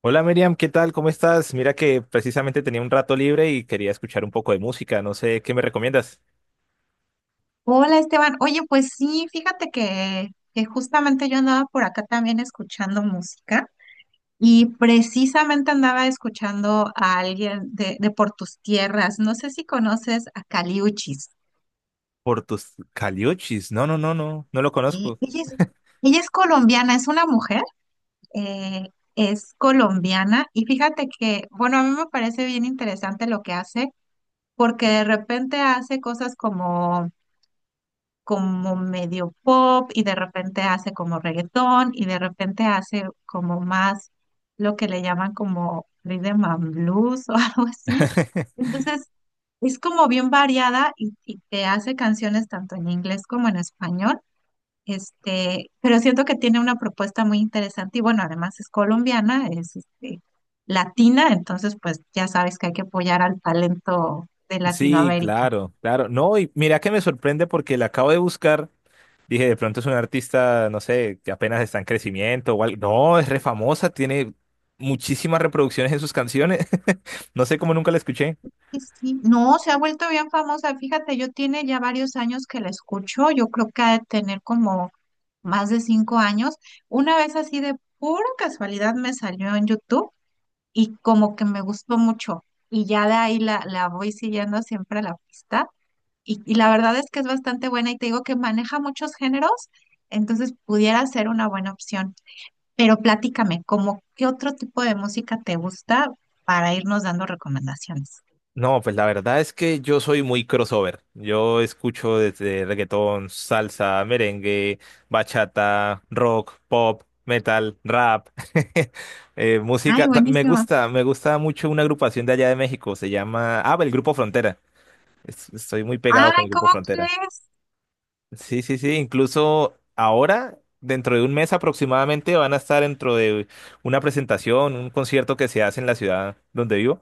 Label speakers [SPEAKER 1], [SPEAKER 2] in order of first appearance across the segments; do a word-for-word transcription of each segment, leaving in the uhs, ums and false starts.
[SPEAKER 1] Hola Miriam, ¿qué tal? ¿Cómo estás? Mira que precisamente tenía un rato libre y quería escuchar un poco de música. No sé, ¿qué me recomiendas?
[SPEAKER 2] Hola Esteban, oye, pues sí, fíjate que, que justamente yo andaba por acá también escuchando música y precisamente andaba escuchando a alguien de, de Por tus tierras, no sé si conoces a Caliuchis.
[SPEAKER 1] Por tus caliuchis. No, no, no, no, no lo
[SPEAKER 2] Y
[SPEAKER 1] conozco.
[SPEAKER 2] Ella es, ella es colombiana, es una mujer, eh, es colombiana y fíjate que, bueno, a mí me parece bien interesante lo que hace porque de repente hace cosas como como medio pop y de repente hace como reggaetón y de repente hace como más lo que le llaman como rhythm and blues o algo así. Entonces, es como bien variada y, y te hace canciones tanto en inglés como en español. Este, pero siento que tiene una propuesta muy interesante y bueno, además es colombiana, es este, latina, entonces pues ya sabes que hay que apoyar al talento de
[SPEAKER 1] Sí,
[SPEAKER 2] Latinoamérica.
[SPEAKER 1] claro, claro. No, y mira que me sorprende porque la acabo de buscar. Dije, de pronto es un artista, no sé, que apenas está en crecimiento o algo. No, es re famosa, tiene muchísimas reproducciones en sus canciones. No sé cómo nunca la escuché.
[SPEAKER 2] Sí, sí. No, se ha vuelto bien famosa. Fíjate, yo tiene ya varios años que la escucho. Yo creo que ha de tener como más de cinco años. Una vez así de pura casualidad me salió en YouTube y como que me gustó mucho. Y ya de ahí la, la voy siguiendo siempre la pista. Y, y la verdad es que es bastante buena y te digo que maneja muchos géneros, entonces pudiera ser una buena opción. Pero platícame, ¿cómo qué otro tipo de música te gusta para irnos dando recomendaciones?
[SPEAKER 1] No, pues la verdad es que yo soy muy crossover. Yo escucho desde reggaetón, salsa, merengue, bachata, rock, pop, metal, rap, eh,
[SPEAKER 2] Ay,
[SPEAKER 1] música. ta- Me
[SPEAKER 2] buenísimo.
[SPEAKER 1] gusta, me gusta mucho una agrupación de allá de México. Se llama, ah, el Grupo Frontera. Es- Estoy muy pegado con
[SPEAKER 2] Ay,
[SPEAKER 1] el Grupo
[SPEAKER 2] ¿cómo
[SPEAKER 1] Frontera.
[SPEAKER 2] crees?
[SPEAKER 1] Sí, sí, sí. Incluso ahora, dentro de un mes aproximadamente, van a estar dentro de una presentación, un concierto que se hace en la ciudad donde vivo.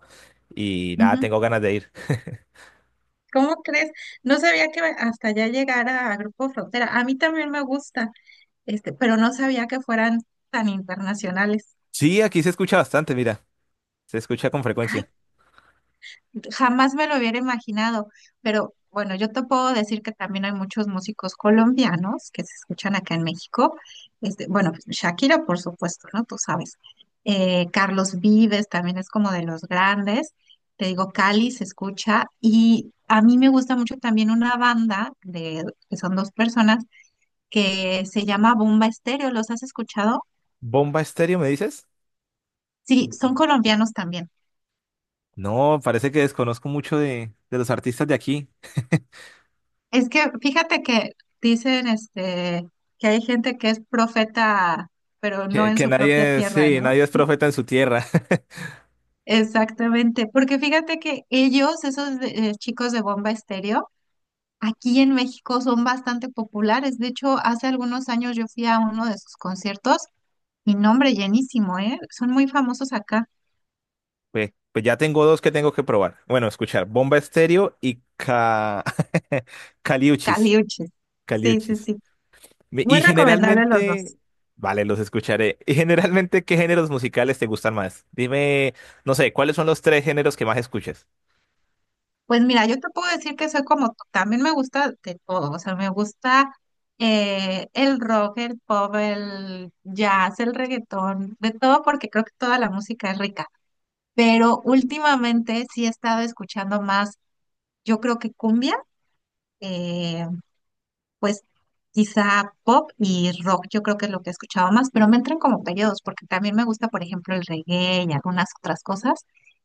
[SPEAKER 1] Y nada,
[SPEAKER 2] Ujú,
[SPEAKER 1] tengo ganas de ir.
[SPEAKER 2] ¿cómo crees? No sabía que hasta allá llegara a Grupo Frontera. A mí también me gusta, este, pero no sabía que fueran tan internacionales.
[SPEAKER 1] Sí, aquí se escucha bastante, mira, se escucha con
[SPEAKER 2] Ay,
[SPEAKER 1] frecuencia.
[SPEAKER 2] jamás me lo hubiera imaginado, pero bueno, yo te puedo decir que también hay muchos músicos colombianos que se escuchan acá en México. Este, bueno, pues, Shakira, por supuesto, ¿no? Tú sabes. Eh, Carlos Vives también es como de los grandes. Te digo, Cali se escucha. Y a mí me gusta mucho también una banda de, que son dos personas que se llama Bomba Estéreo. ¿Los has escuchado?
[SPEAKER 1] ¿Bomba estéreo, me dices?
[SPEAKER 2] Sí, son colombianos también.
[SPEAKER 1] No, parece que desconozco mucho de, de los artistas de aquí.
[SPEAKER 2] Es que fíjate que dicen este que hay gente que es profeta, pero no
[SPEAKER 1] Que,
[SPEAKER 2] en
[SPEAKER 1] que
[SPEAKER 2] su propia
[SPEAKER 1] nadie,
[SPEAKER 2] tierra,
[SPEAKER 1] sí,
[SPEAKER 2] ¿no?
[SPEAKER 1] nadie es profeta en su tierra.
[SPEAKER 2] Exactamente, porque fíjate que ellos, esos de- eh, chicos de Bomba Estéreo, aquí en México son bastante populares. De hecho, hace algunos años yo fui a uno de sus conciertos y nombre llenísimo, ¿eh? Son muy famosos acá.
[SPEAKER 1] Pues, pues ya tengo dos que tengo que probar. Bueno, escuchar, Bomba Estéreo y Ca... Caliuchis,
[SPEAKER 2] Caliuches. Sí, sí,
[SPEAKER 1] Caliuchis.
[SPEAKER 2] sí.
[SPEAKER 1] Mi-
[SPEAKER 2] Muy
[SPEAKER 1] Y
[SPEAKER 2] recomendable los
[SPEAKER 1] generalmente,
[SPEAKER 2] dos.
[SPEAKER 1] vale, los escucharé. Y generalmente, ¿qué géneros musicales te gustan más? Dime, no sé, ¿cuáles son los tres géneros que más escuchas?
[SPEAKER 2] Pues mira, yo te puedo decir que soy como tú, también me gusta de todo, o sea, me gusta eh, el rock, el pop, el jazz, el reggaetón, de todo porque creo que toda la música es rica, pero últimamente sí he estado escuchando más, yo creo que cumbia, eh, pues quizá pop y rock, yo creo que es lo que he escuchado más, pero me entran como periodos porque también me gusta, por ejemplo, el reggae y algunas otras cosas.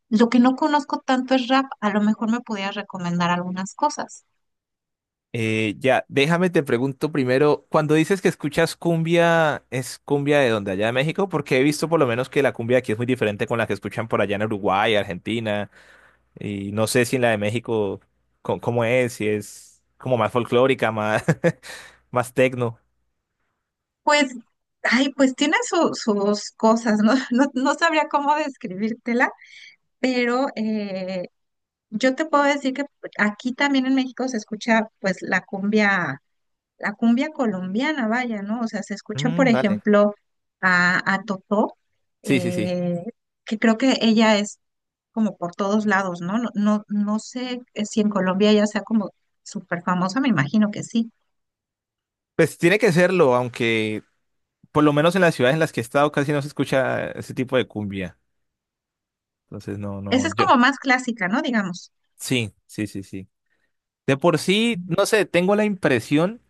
[SPEAKER 2] Lo que no conozco tanto es rap, a lo mejor me pudieras recomendar algunas cosas.
[SPEAKER 1] Eh, ya, déjame te pregunto primero, cuando dices que escuchas cumbia, ¿es cumbia de donde allá de México? Porque he visto por lo menos que la cumbia aquí es muy diferente con la que escuchan por allá en Uruguay, Argentina, y no sé si en la de México, co- ¿cómo es? Si es como más folclórica, más, más tecno.
[SPEAKER 2] Pues, ay, pues tiene su- sus cosas, ¿no? No, no sabría cómo describírtela, pero eh, yo te puedo decir que aquí también en México se escucha pues la cumbia, la cumbia colombiana, vaya, ¿no? O sea, se escucha, por
[SPEAKER 1] Mm, vale.
[SPEAKER 2] ejemplo, a, a Totó,
[SPEAKER 1] Sí, sí, sí.
[SPEAKER 2] eh, que creo que ella es como por todos lados, ¿no? No, no, no sé eh, si en Colombia ella sea como súper famosa, me imagino que sí.
[SPEAKER 1] Pues tiene que serlo, aunque por lo menos en las ciudades en las que he estado casi no se escucha ese tipo de cumbia. Entonces, no,
[SPEAKER 2] Esa
[SPEAKER 1] no,
[SPEAKER 2] es
[SPEAKER 1] yo.
[SPEAKER 2] como más clásica, ¿no? Digamos.
[SPEAKER 1] Sí, sí, sí, sí. De por sí, no sé, tengo la impresión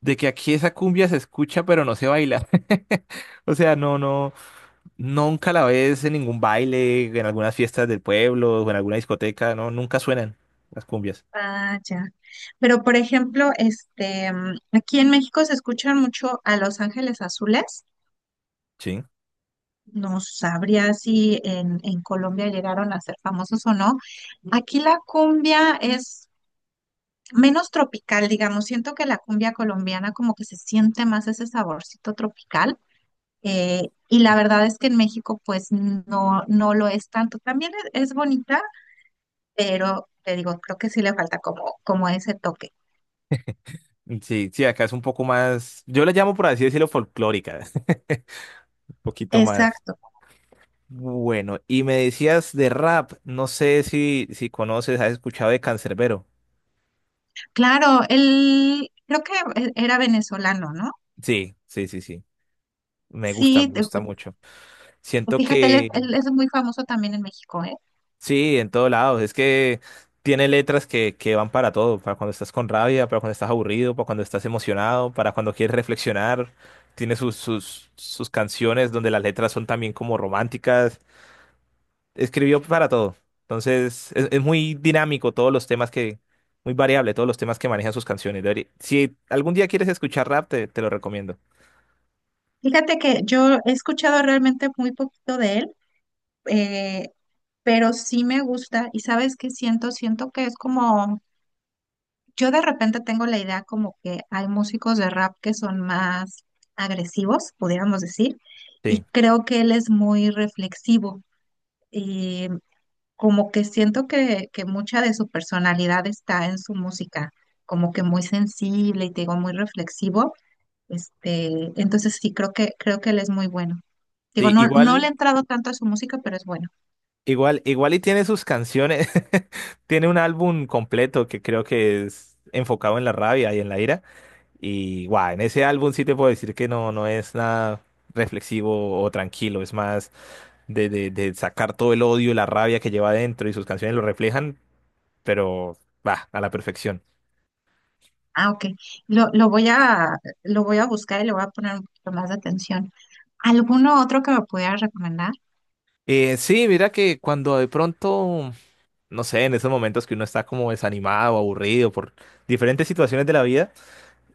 [SPEAKER 1] de que aquí esa cumbia se escucha pero no se baila. O sea, no, no, nunca la ves en ningún baile, en algunas fiestas del pueblo o en alguna discoteca, no, nunca suenan las cumbias.
[SPEAKER 2] Ah, ya. Pero por ejemplo, este, mm, aquí en México se escuchan mucho a Los Ángeles Azules.
[SPEAKER 1] Sí.
[SPEAKER 2] No sabría si en, en Colombia llegaron a ser famosos o no. Aquí la cumbia es menos tropical, digamos. Siento que la cumbia colombiana como que se siente más ese saborcito tropical. eh, y la verdad es que en México pues no, no lo es tanto. También es, es bonita, pero te digo, creo que sí le falta como, como ese toque.
[SPEAKER 1] Mm, sí, sí, acá es un poco más, yo la llamo por así decirlo folclórica, un poquito más.
[SPEAKER 2] Exacto.
[SPEAKER 1] Bueno, y me decías de rap, no sé si, si conoces, has escuchado de Canserbero.
[SPEAKER 2] Claro, él creo que e- era venezolano, ¿no?
[SPEAKER 1] Sí, sí, sí, sí. Me gusta,
[SPEAKER 2] Sí,
[SPEAKER 1] me
[SPEAKER 2] te-
[SPEAKER 1] gusta
[SPEAKER 2] pues,
[SPEAKER 1] mucho.
[SPEAKER 2] pues
[SPEAKER 1] Siento
[SPEAKER 2] fíjate, él es,
[SPEAKER 1] que
[SPEAKER 2] él es muy famoso también en México, ¿eh?
[SPEAKER 1] sí, en todos lados. Es que tiene letras que, que van para todo, para cuando estás con rabia, para cuando estás aburrido, para cuando estás emocionado, para cuando quieres reflexionar. Tiene sus, sus, sus canciones donde las letras son también como románticas. Escribió para todo. Entonces, es, es muy dinámico todos los temas que, muy variable todos los temas que manejan sus canciones. Deberí- si algún día quieres escuchar rap, te, te lo recomiendo.
[SPEAKER 2] Fíjate que yo he escuchado realmente muy poquito de él, eh, pero sí me gusta y sabes qué siento, siento que es como, yo de repente tengo la idea como que hay músicos de rap que son más agresivos, pudiéramos decir,
[SPEAKER 1] Sí.
[SPEAKER 2] y creo que él es muy reflexivo. Como que siento que, que mucha de su personalidad está en su música, como que muy sensible y te digo, muy reflexivo. Este, entonces sí, creo que, creo que él es muy bueno. Digo,
[SPEAKER 1] Sí,
[SPEAKER 2] no, no le he
[SPEAKER 1] igual.
[SPEAKER 2] entrado tanto a su música, pero es bueno.
[SPEAKER 1] Igual, igual y tiene sus canciones. Tiene un álbum completo que creo que es enfocado en la rabia y en la ira. Y guau, en ese álbum sí te puedo decir que no, no es nada reflexivo o tranquilo, es más de, de, de sacar todo el odio y la rabia que lleva adentro y sus canciones lo reflejan, pero va, a la perfección.
[SPEAKER 2] Ah, ok. Lo, lo voy a, lo voy a buscar y le voy a poner un poquito más de atención. ¿Alguno otro que me pudiera recomendar?
[SPEAKER 1] Eh, sí, mira que cuando de pronto, no sé, en esos momentos que uno está como desanimado, aburrido por diferentes situaciones de la vida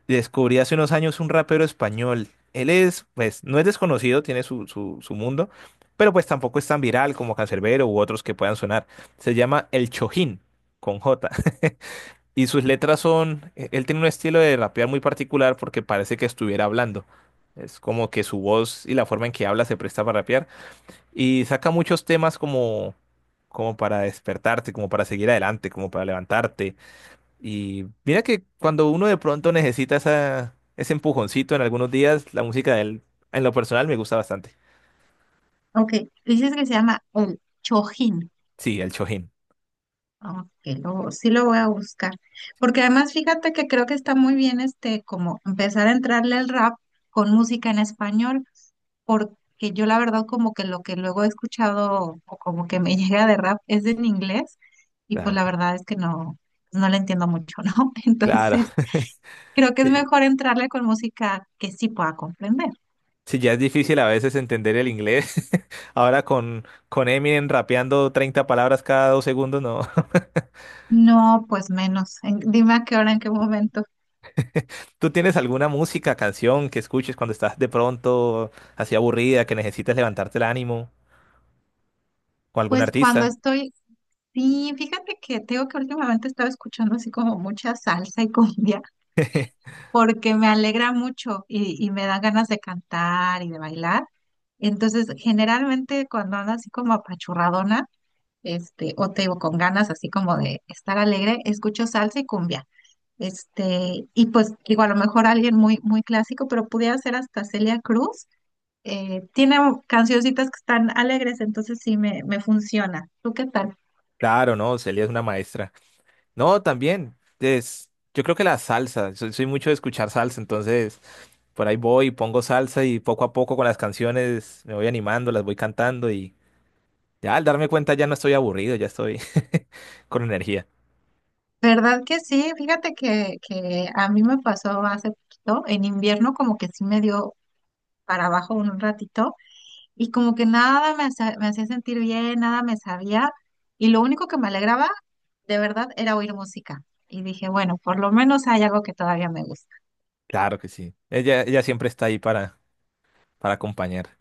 [SPEAKER 1] descubrí hace unos años un rapero español. Él es, pues, no es desconocido, tiene su, su, su mundo, pero pues tampoco es tan viral como Canserbero u otros que puedan sonar. Se llama El Chojín, con J. Y sus letras son, e- él tiene un estilo de rapear muy particular porque parece que estuviera hablando. Es como que su voz y la forma en que habla se presta para rapear. Y saca muchos temas como, como para despertarte, como para seguir adelante, como para levantarte. Y mira que cuando uno de pronto necesita esa, ese empujoncito en algunos días, la música de él, en lo personal, me gusta bastante.
[SPEAKER 2] Ok, dices que se llama El Chojín.
[SPEAKER 1] Sí, el chojin.
[SPEAKER 2] Ok, lo- sí lo voy a buscar. Porque además fíjate que creo que está muy bien este como empezar a entrarle al rap con música en español, porque yo la verdad como que lo que luego he escuchado o como que me llega de rap es en inglés y pues
[SPEAKER 1] Claro,
[SPEAKER 2] la verdad es que no, no le entiendo mucho, ¿no?
[SPEAKER 1] claro.
[SPEAKER 2] Entonces creo que es
[SPEAKER 1] Si
[SPEAKER 2] mejor entrarle con música que sí pueda comprender.
[SPEAKER 1] sí, ya es difícil a veces entender el inglés. Ahora con, con Eminem rapeando treinta palabras cada dos segundos, no.
[SPEAKER 2] No, pues menos. En- dime a qué hora, en qué momento.
[SPEAKER 1] ¿Tú tienes alguna música, canción que escuches cuando estás de pronto así aburrida, que necesitas levantarte el ánimo? ¿O algún
[SPEAKER 2] Pues
[SPEAKER 1] artista?
[SPEAKER 2] cuando estoy, sí, fíjate que tengo que últimamente he estado escuchando así como mucha salsa y cumbia, porque me alegra mucho y, y me dan ganas de cantar y de bailar. Entonces, generalmente cuando ando así como apachurradona, este, o te digo con ganas así como de estar alegre, escucho salsa y cumbia. Este, y pues digo, a lo mejor alguien muy, muy clásico, pero pudiera ser hasta Celia Cruz. Eh, tiene cancioncitas que están alegres, entonces sí me, me funciona. ¿Tú qué tal?
[SPEAKER 1] Claro, no, Celia es una maestra. No, también. Es, yo creo que la salsa. Soy, soy mucho de escuchar salsa, entonces por ahí voy, pongo salsa y poco a poco con las canciones me voy animando, las voy cantando y ya al darme cuenta ya no estoy aburrido, ya estoy con energía.
[SPEAKER 2] ¿Verdad que sí? Fíjate que, que a mí me pasó hace poquito, en invierno como que sí me dio para abajo un ratito y como que nada me hacía, me hacía sentir bien, nada me sabía y lo único que me alegraba de verdad era oír música. Y dije, bueno, por lo menos hay algo que todavía me gusta.
[SPEAKER 1] Claro que sí. Ella, ella siempre está ahí para, para acompañar.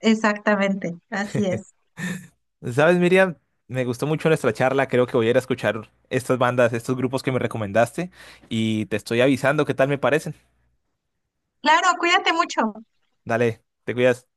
[SPEAKER 2] Exactamente, así es.
[SPEAKER 1] ¿Sabes, Miriam? Me gustó mucho nuestra charla. Creo que voy a ir a escuchar estas bandas, estos grupos que me recomendaste y te estoy avisando qué tal me parecen.
[SPEAKER 2] Claro, cuídate mucho.
[SPEAKER 1] Dale, te cuidas.